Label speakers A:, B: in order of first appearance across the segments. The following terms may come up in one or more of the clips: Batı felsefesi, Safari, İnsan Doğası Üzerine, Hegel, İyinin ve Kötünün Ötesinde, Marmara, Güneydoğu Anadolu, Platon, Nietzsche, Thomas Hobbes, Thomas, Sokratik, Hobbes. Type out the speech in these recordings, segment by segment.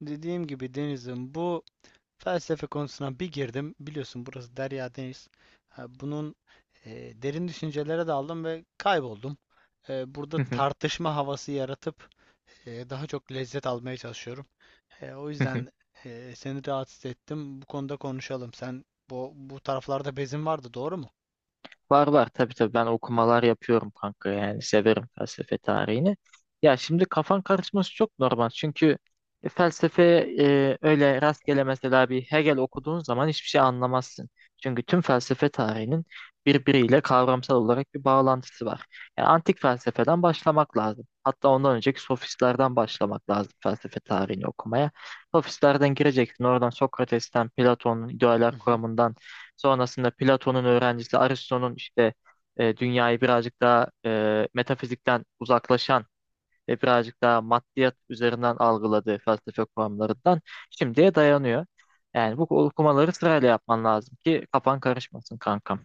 A: Dediğim gibi Deniz'im bu felsefe konusuna bir girdim. Biliyorsun burası Derya Deniz. Ha, bunun derin düşüncelere daldım ve kayboldum. Burada
B: Hı hı,
A: tartışma havası yaratıp daha çok lezzet almaya çalışıyorum. O
B: hı hı.
A: yüzden seni rahatsız ettim. Bu konuda konuşalım. Sen bu taraflarda bezin vardı, doğru mu?
B: Var tabii ben okumalar yapıyorum kanka, yani severim felsefe tarihini. Ya şimdi kafan karışması çok normal, çünkü felsefe öyle rastgele, mesela bir Hegel okuduğun zaman hiçbir şey anlamazsın. Çünkü tüm felsefe tarihinin birbiriyle kavramsal olarak bir bağlantısı var. Yani antik felsefeden başlamak lazım. Hatta ondan önceki sofistlerden başlamak lazım felsefe tarihini okumaya. Sofistlerden gireceksin, oradan Sokrates'ten, Platon'un idealer
A: Hı hı.
B: kuramından. Sonrasında Platon'un öğrencisi Aristo'nun işte dünyayı birazcık daha metafizikten uzaklaşan ve birazcık daha maddiyat üzerinden algıladığı felsefe kuramlarından şimdiye dayanıyor. Yani bu okumaları sırayla yapman lazım ki kafan karışmasın kankam.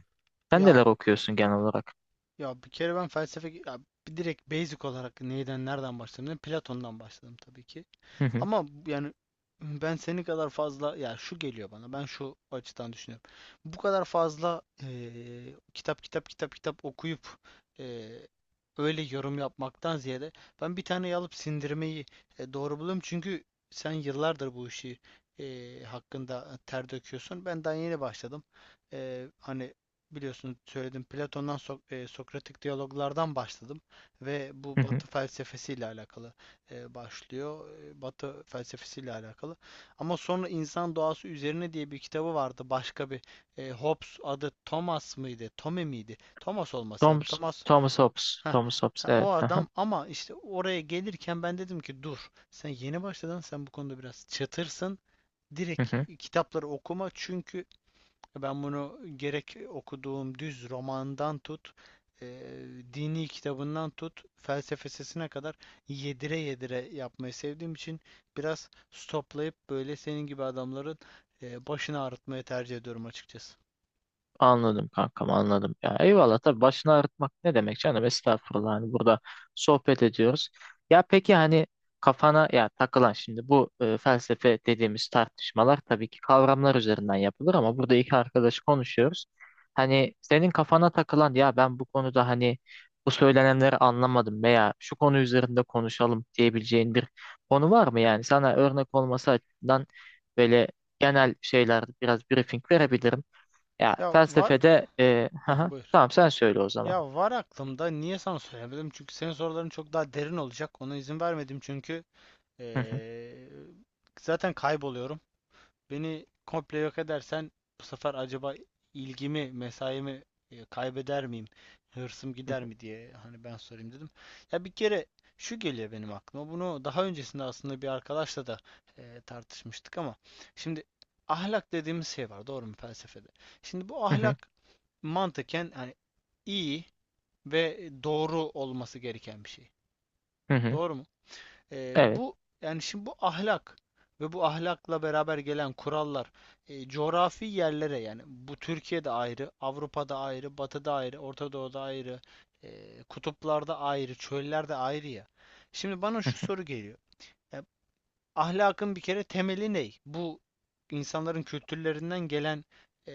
B: Sen
A: Ya
B: neler okuyorsun genel olarak?
A: Ya bir kere ben felsefe ya bir direkt basic olarak neyden nereden başladım? Platon'dan başladım tabii ki.
B: Hı hı,
A: Ama yani ben senin kadar fazla ya şu geliyor bana. Ben şu açıdan düşünüyorum. Bu kadar fazla kitap kitap kitap kitap okuyup eee, öyle yorum yapmaktan ziyade ben bir tane alıp sindirmeyi doğru buluyorum. Çünkü sen yıllardır bu işi hakkında ter döküyorsun. Ben daha yeni başladım. Hani biliyorsunuz söyledim Platon'dan Sokratik diyaloglardan başladım ve bu
B: hı hı.
A: Batı felsefesiyle alakalı başlıyor. E, Batı felsefesiyle alakalı. Ama sonra İnsan Doğası Üzerine diye bir kitabı vardı. Başka bir Hobbes adı Thomas mıydı? Tome miydi? Thomas olması lazım.
B: Thomas,
A: Thomas.
B: Thomas Hobbes,
A: Heh,
B: Thomas Hobbes,
A: ha, o
B: evet. Hı hı,
A: adam ama işte oraya gelirken ben dedim ki dur sen yeni başladın sen bu konuda biraz çatırsın.
B: hı
A: Direkt
B: hı.
A: kitapları okuma çünkü ben bunu gerek okuduğum düz romandan tut, e, dini kitabından tut, felsefesine kadar yedire yedire yapmayı sevdiğim için biraz stoplayıp böyle senin gibi adamların başını ağrıtmayı tercih ediyorum açıkçası.
B: Anladım kankam, anladım. Ya eyvallah, tabii, başını ağrıtmak ne demek canım, estağfurullah, hani burada sohbet ediyoruz. Ya peki, hani kafana ya takılan, şimdi bu felsefe dediğimiz tartışmalar tabii ki kavramlar üzerinden yapılır, ama burada iki arkadaş konuşuyoruz. Hani senin kafana takılan, ya ben bu konuda hani bu söylenenleri anlamadım veya şu konu üzerinde konuşalım diyebileceğin bir konu var mı, yani sana örnek olması açısından böyle genel şeylerde biraz briefing verebilirim. Ya
A: Ya var.
B: felsefede hı
A: Heh,
B: hı,
A: buyur.
B: tamam, sen söyle o zaman.
A: Ya var aklımda. Niye sana söylemedim? Çünkü senin soruların çok daha derin olacak. Ona izin vermedim çünkü
B: Hı hı,
A: e, zaten kayboluyorum. Beni komple yok edersen bu sefer acaba ilgimi, mesaimi kaybeder miyim? Hırsım
B: hı
A: gider
B: hı,
A: mi diye hani ben sorayım dedim. Ya bir kere şu geliyor benim aklıma. Bunu daha öncesinde aslında bir arkadaşla da tartışmıştık ama şimdi ahlak dediğimiz şey var, doğru mu felsefede? Şimdi bu
B: hı hı,
A: ahlak mantıken hani iyi ve doğru olması gereken bir şey.
B: hı hı.
A: Doğru mu?
B: Evet.
A: Bu yani şimdi bu ahlak ve bu ahlakla beraber gelen kurallar coğrafi yerlere yani bu Türkiye'de ayrı, Avrupa'da ayrı, Batı'da ayrı, Orta Doğu'da ayrı, kutuplarda ayrı, çöllerde ayrı ya. Şimdi bana
B: Hı
A: şu
B: hı,
A: soru geliyor. E, Ahlakın bir kere temeli ne? Bu insanların kültürlerinden gelen e,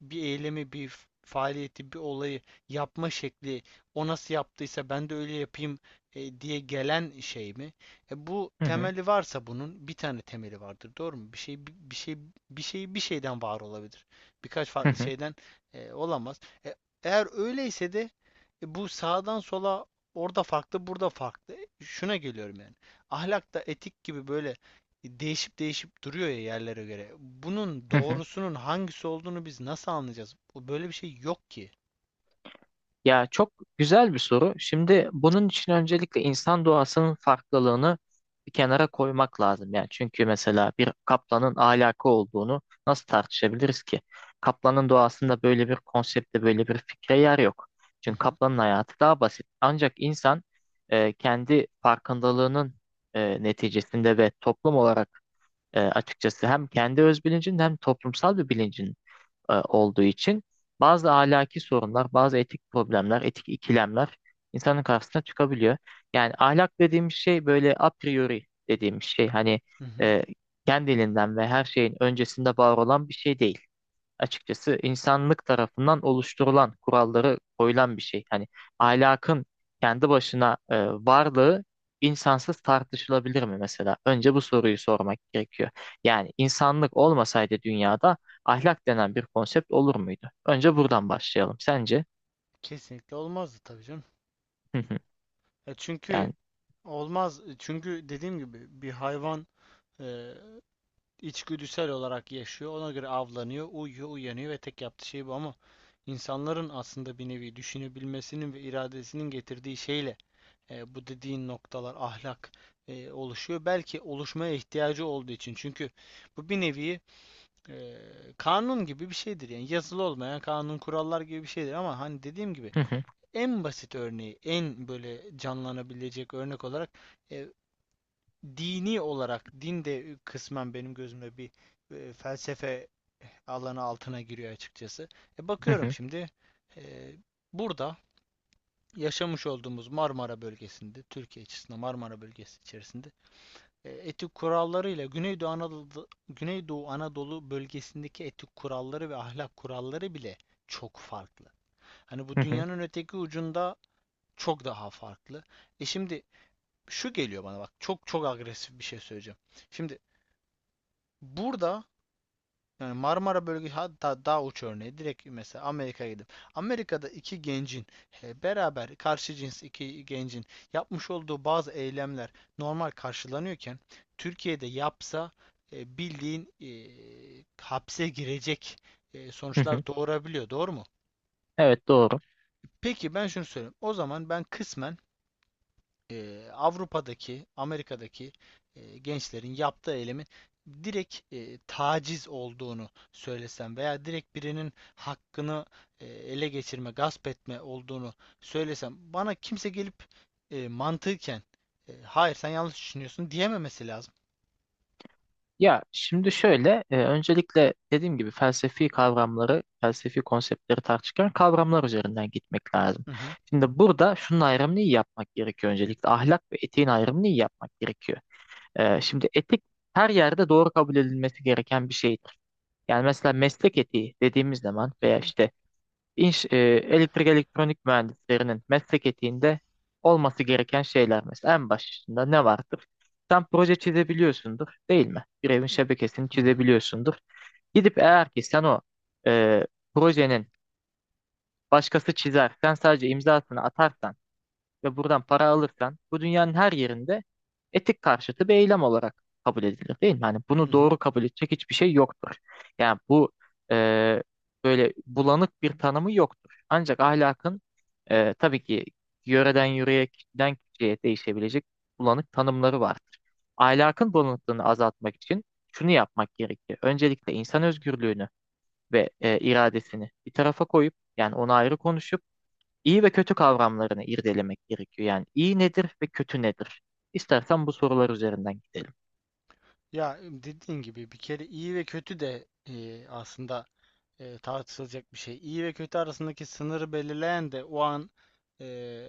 A: bir eylemi, bir faaliyeti, bir olayı yapma şekli, o nasıl yaptıysa ben de öyle yapayım diye gelen şey mi? Bu
B: hı hı,
A: temeli varsa bunun bir tane temeli vardır, doğru mu? Bir şey bir şeyden var olabilir. Birkaç
B: hı
A: farklı
B: hı,
A: şeyden olamaz. E, Eğer öyleyse de bu sağdan sola orada farklı, burada farklı. E, şuna geliyorum yani ahlakta etik gibi böyle değişip değişip duruyor ya yerlere göre. Bunun
B: hı hı.
A: doğrusunun hangisi olduğunu biz nasıl anlayacağız? Bu böyle bir şey yok ki.
B: Ya çok güzel bir soru. Şimdi bunun için öncelikle insan doğasının farklılığını bir kenara koymak lazım. Yani çünkü mesela bir kaplanın ahlakı olduğunu nasıl tartışabiliriz ki? Kaplanın doğasında böyle bir konsepte, böyle bir fikre yer yok.
A: Hı
B: Çünkü
A: hı.
B: kaplanın hayatı daha basit. Ancak insan kendi farkındalığının neticesinde ve toplum olarak açıkçası hem kendi öz bilincin hem toplumsal bir bilincin olduğu için bazı ahlaki sorunlar, bazı etik problemler, etik ikilemler insanın karşısına çıkabiliyor. Yani ahlak dediğimiz şey böyle a priori dediğimiz şey, hani
A: Hı hı.
B: e, kendiliğinden ve her şeyin öncesinde var olan bir şey değil, açıkçası insanlık tarafından oluşturulan kuralları koyulan bir şey. Hani ahlakın kendi başına varlığı insansız tartışılabilir mi mesela? Önce bu soruyu sormak gerekiyor. Yani insanlık olmasaydı dünyada ahlak denen bir konsept olur muydu? Önce buradan başlayalım. Sence?
A: Kesinlikle olmazdı tabii canım.
B: Hı hı.
A: Ya çünkü
B: Yani
A: olmaz. Çünkü dediğim gibi bir hayvan e, içgüdüsel olarak yaşıyor. Ona göre avlanıyor, uyuyor, uyanıyor ve tek yaptığı şey bu ama insanların aslında bir nevi düşünebilmesinin ve iradesinin getirdiği şeyle bu dediğin noktalar ahlak oluşuyor. Belki oluşmaya ihtiyacı olduğu için. Çünkü bu bir nevi e, kanun gibi bir şeydir. Yani yazılı olmayan kanun kurallar gibi bir şeydir. Ama hani dediğim gibi
B: hı hı,
A: en basit örneği, en böyle canlanabilecek örnek olarak e, dini olarak din de kısmen benim gözümde bir felsefe alanı altına giriyor açıkçası. E,
B: hı
A: bakıyorum
B: hı,
A: şimdi e, burada yaşamış olduğumuz Marmara bölgesinde, Türkiye açısından Marmara bölgesi içerisinde etik kurallarıyla Güneydoğu Anadolu, Güneydoğu Anadolu bölgesindeki etik kuralları ve ahlak kuralları bile çok farklı. Hani bu
B: hı hı,
A: dünyanın öteki ucunda çok daha farklı. E şimdi şu geliyor bana bak çok çok agresif bir şey söyleyeceğim. Şimdi burada yani Marmara bölgesi hatta daha uç örneği direkt mesela Amerika'ya gidip Amerika'da iki gencin beraber karşı cins iki gencin yapmış olduğu bazı eylemler normal karşılanıyorken Türkiye'de yapsa e, bildiğin e, hapse girecek
B: hı hı.
A: sonuçlar doğurabiliyor. Doğru mu?
B: Evet, doğru.
A: Peki ben şunu söyleyeyim. O zaman ben kısmen Avrupa'daki, Amerika'daki gençlerin yaptığı eylemin direkt taciz olduğunu söylesem veya direkt birinin hakkını ele geçirme, gasp etme olduğunu söylesem bana kimse gelip mantıken hayır sen yanlış düşünüyorsun diyememesi lazım.
B: Ya şimdi şöyle, öncelikle dediğim gibi felsefi kavramları, felsefi konseptleri tartışırken kavramlar üzerinden gitmek lazım.
A: Hı hı,
B: Şimdi burada şunun ayrımını iyi yapmak gerekiyor öncelikle. Ahlak ve etiğin ayrımını iyi yapmak gerekiyor. Şimdi etik her yerde doğru kabul edilmesi gereken bir şeydir. Yani mesela meslek etiği dediğimiz zaman
A: hı
B: veya
A: hı,
B: işte İnş, e, elektrik elektronik mühendislerinin meslek etiğinde olması gereken şeyler mesela en başında ne vardır? Sen proje çizebiliyorsundur değil mi? Bir evin şebekesini
A: hı hı,
B: çizebiliyorsundur. Gidip eğer ki sen o e, projenin başkası çizer, sen sadece imzasını atarsan ve buradan para alırsan bu dünyanın her yerinde etik karşıtı bir eylem olarak kabul edilir değil mi? Hani
A: hı
B: bunu
A: hı.
B: doğru kabul edecek hiçbir şey yoktur. Yani bu e, böyle bulanık bir tanımı yoktur. Ancak ahlakın tabii ki yöreden yöreye, kişiden kişiye değişebilecek bulanık tanımları vardır. Ahlakın bulanıklığını azaltmak için şunu yapmak gerekiyor. Öncelikle insan özgürlüğünü ve iradesini bir tarafa koyup, yani onu ayrı konuşup İyi ve kötü kavramlarını irdelemek gerekiyor. Yani iyi nedir ve kötü nedir? İstersen bu sorular üzerinden gidelim.
A: Ya dediğin gibi bir kere iyi ve kötü de aslında tartışılacak bir şey. İyi ve kötü arasındaki sınırı belirleyen de o an e,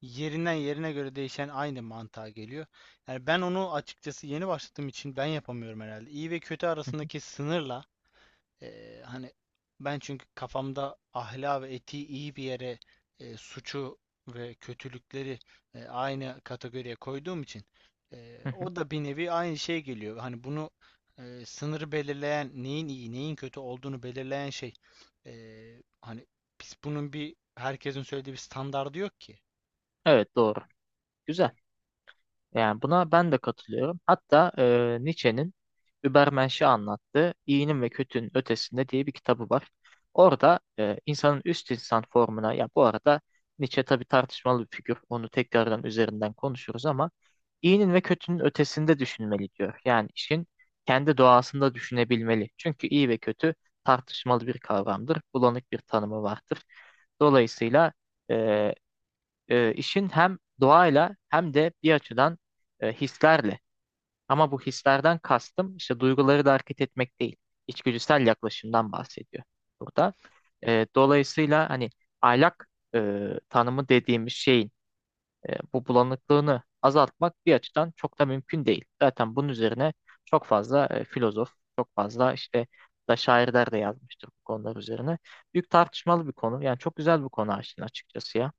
A: yerinden yerine göre değişen aynı mantığa geliyor. Yani ben onu açıkçası yeni başladığım için ben yapamıyorum herhalde. İyi ve kötü
B: Hı hı,
A: arasındaki sınırla hani ben çünkü kafamda ahlak ve etiği iyi bir yere suçu ve kötülükleri aynı kategoriye koyduğum için
B: hı hı.
A: o da bir nevi aynı şey geliyor. Hani bunu sınırı belirleyen neyin iyi neyin kötü olduğunu belirleyen şey e, hani biz bunun bir herkesin söylediği bir standardı yok ki.
B: Evet, doğru. Güzel. Yani buna ben de katılıyorum. Hatta Nietzsche'nin Übermensch'i anlattığı İyinin ve Kötünün Ötesinde diye bir kitabı var. Orada insanın üst insan formuna, ya bu arada Nietzsche tabii tartışmalı bir figür. Onu tekrardan üzerinden konuşuruz ama İyinin ve kötünün ötesinde düşünmeli diyor. Yani işin kendi doğasında düşünebilmeli. Çünkü iyi ve kötü tartışmalı bir kavramdır. Bulanık bir tanımı vardır. Dolayısıyla e, işin hem doğayla hem de bir açıdan hislerle. Ama bu hislerden kastım işte duyguları da hareket etmek değil. İçgüdüsel yaklaşımdan bahsediyor burada. Dolayısıyla hani ahlak e, tanımı dediğimiz şeyin bu bulanıklığını azaltmak bir açıdan çok da mümkün değil. Zaten bunun üzerine çok fazla filozof, çok fazla işte da şairler de yazmıştır bu konular üzerine. Büyük tartışmalı bir konu. Yani çok güzel bir konu Ayşin, açıkçası ya.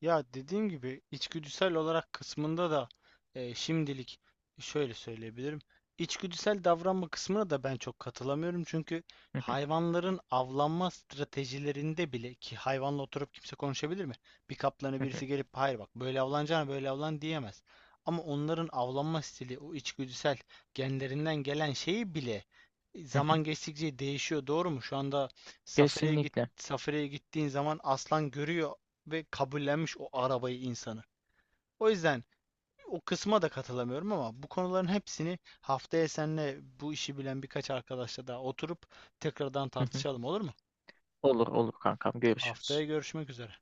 A: Ya dediğim gibi içgüdüsel olarak kısmında da şimdilik şöyle söyleyebilirim. İçgüdüsel davranma kısmına da ben çok katılamıyorum. Çünkü
B: Hı hı,
A: hayvanların avlanma stratejilerinde bile ki hayvanla oturup kimse konuşabilir mi? Bir kaplanı
B: hı hı,
A: birisi gelip hayır bak böyle avlanacağına böyle avlan diyemez. Ama onların avlanma stili o içgüdüsel genlerinden gelen şeyi bile
B: hı hı.
A: zaman geçtikçe değişiyor. Doğru mu? Şu anda safariye git
B: Kesinlikle.
A: Safari'ye gittiğin zaman aslan görüyor ve kabullenmiş o arabayı insanı. O yüzden o kısma da katılamıyorum ama bu konuların hepsini haftaya seninle bu işi bilen birkaç arkadaşla daha oturup tekrardan
B: Hı hı.
A: tartışalım olur mu?
B: Olur olur kankam,
A: Haftaya
B: görüşürüz.
A: görüşmek üzere.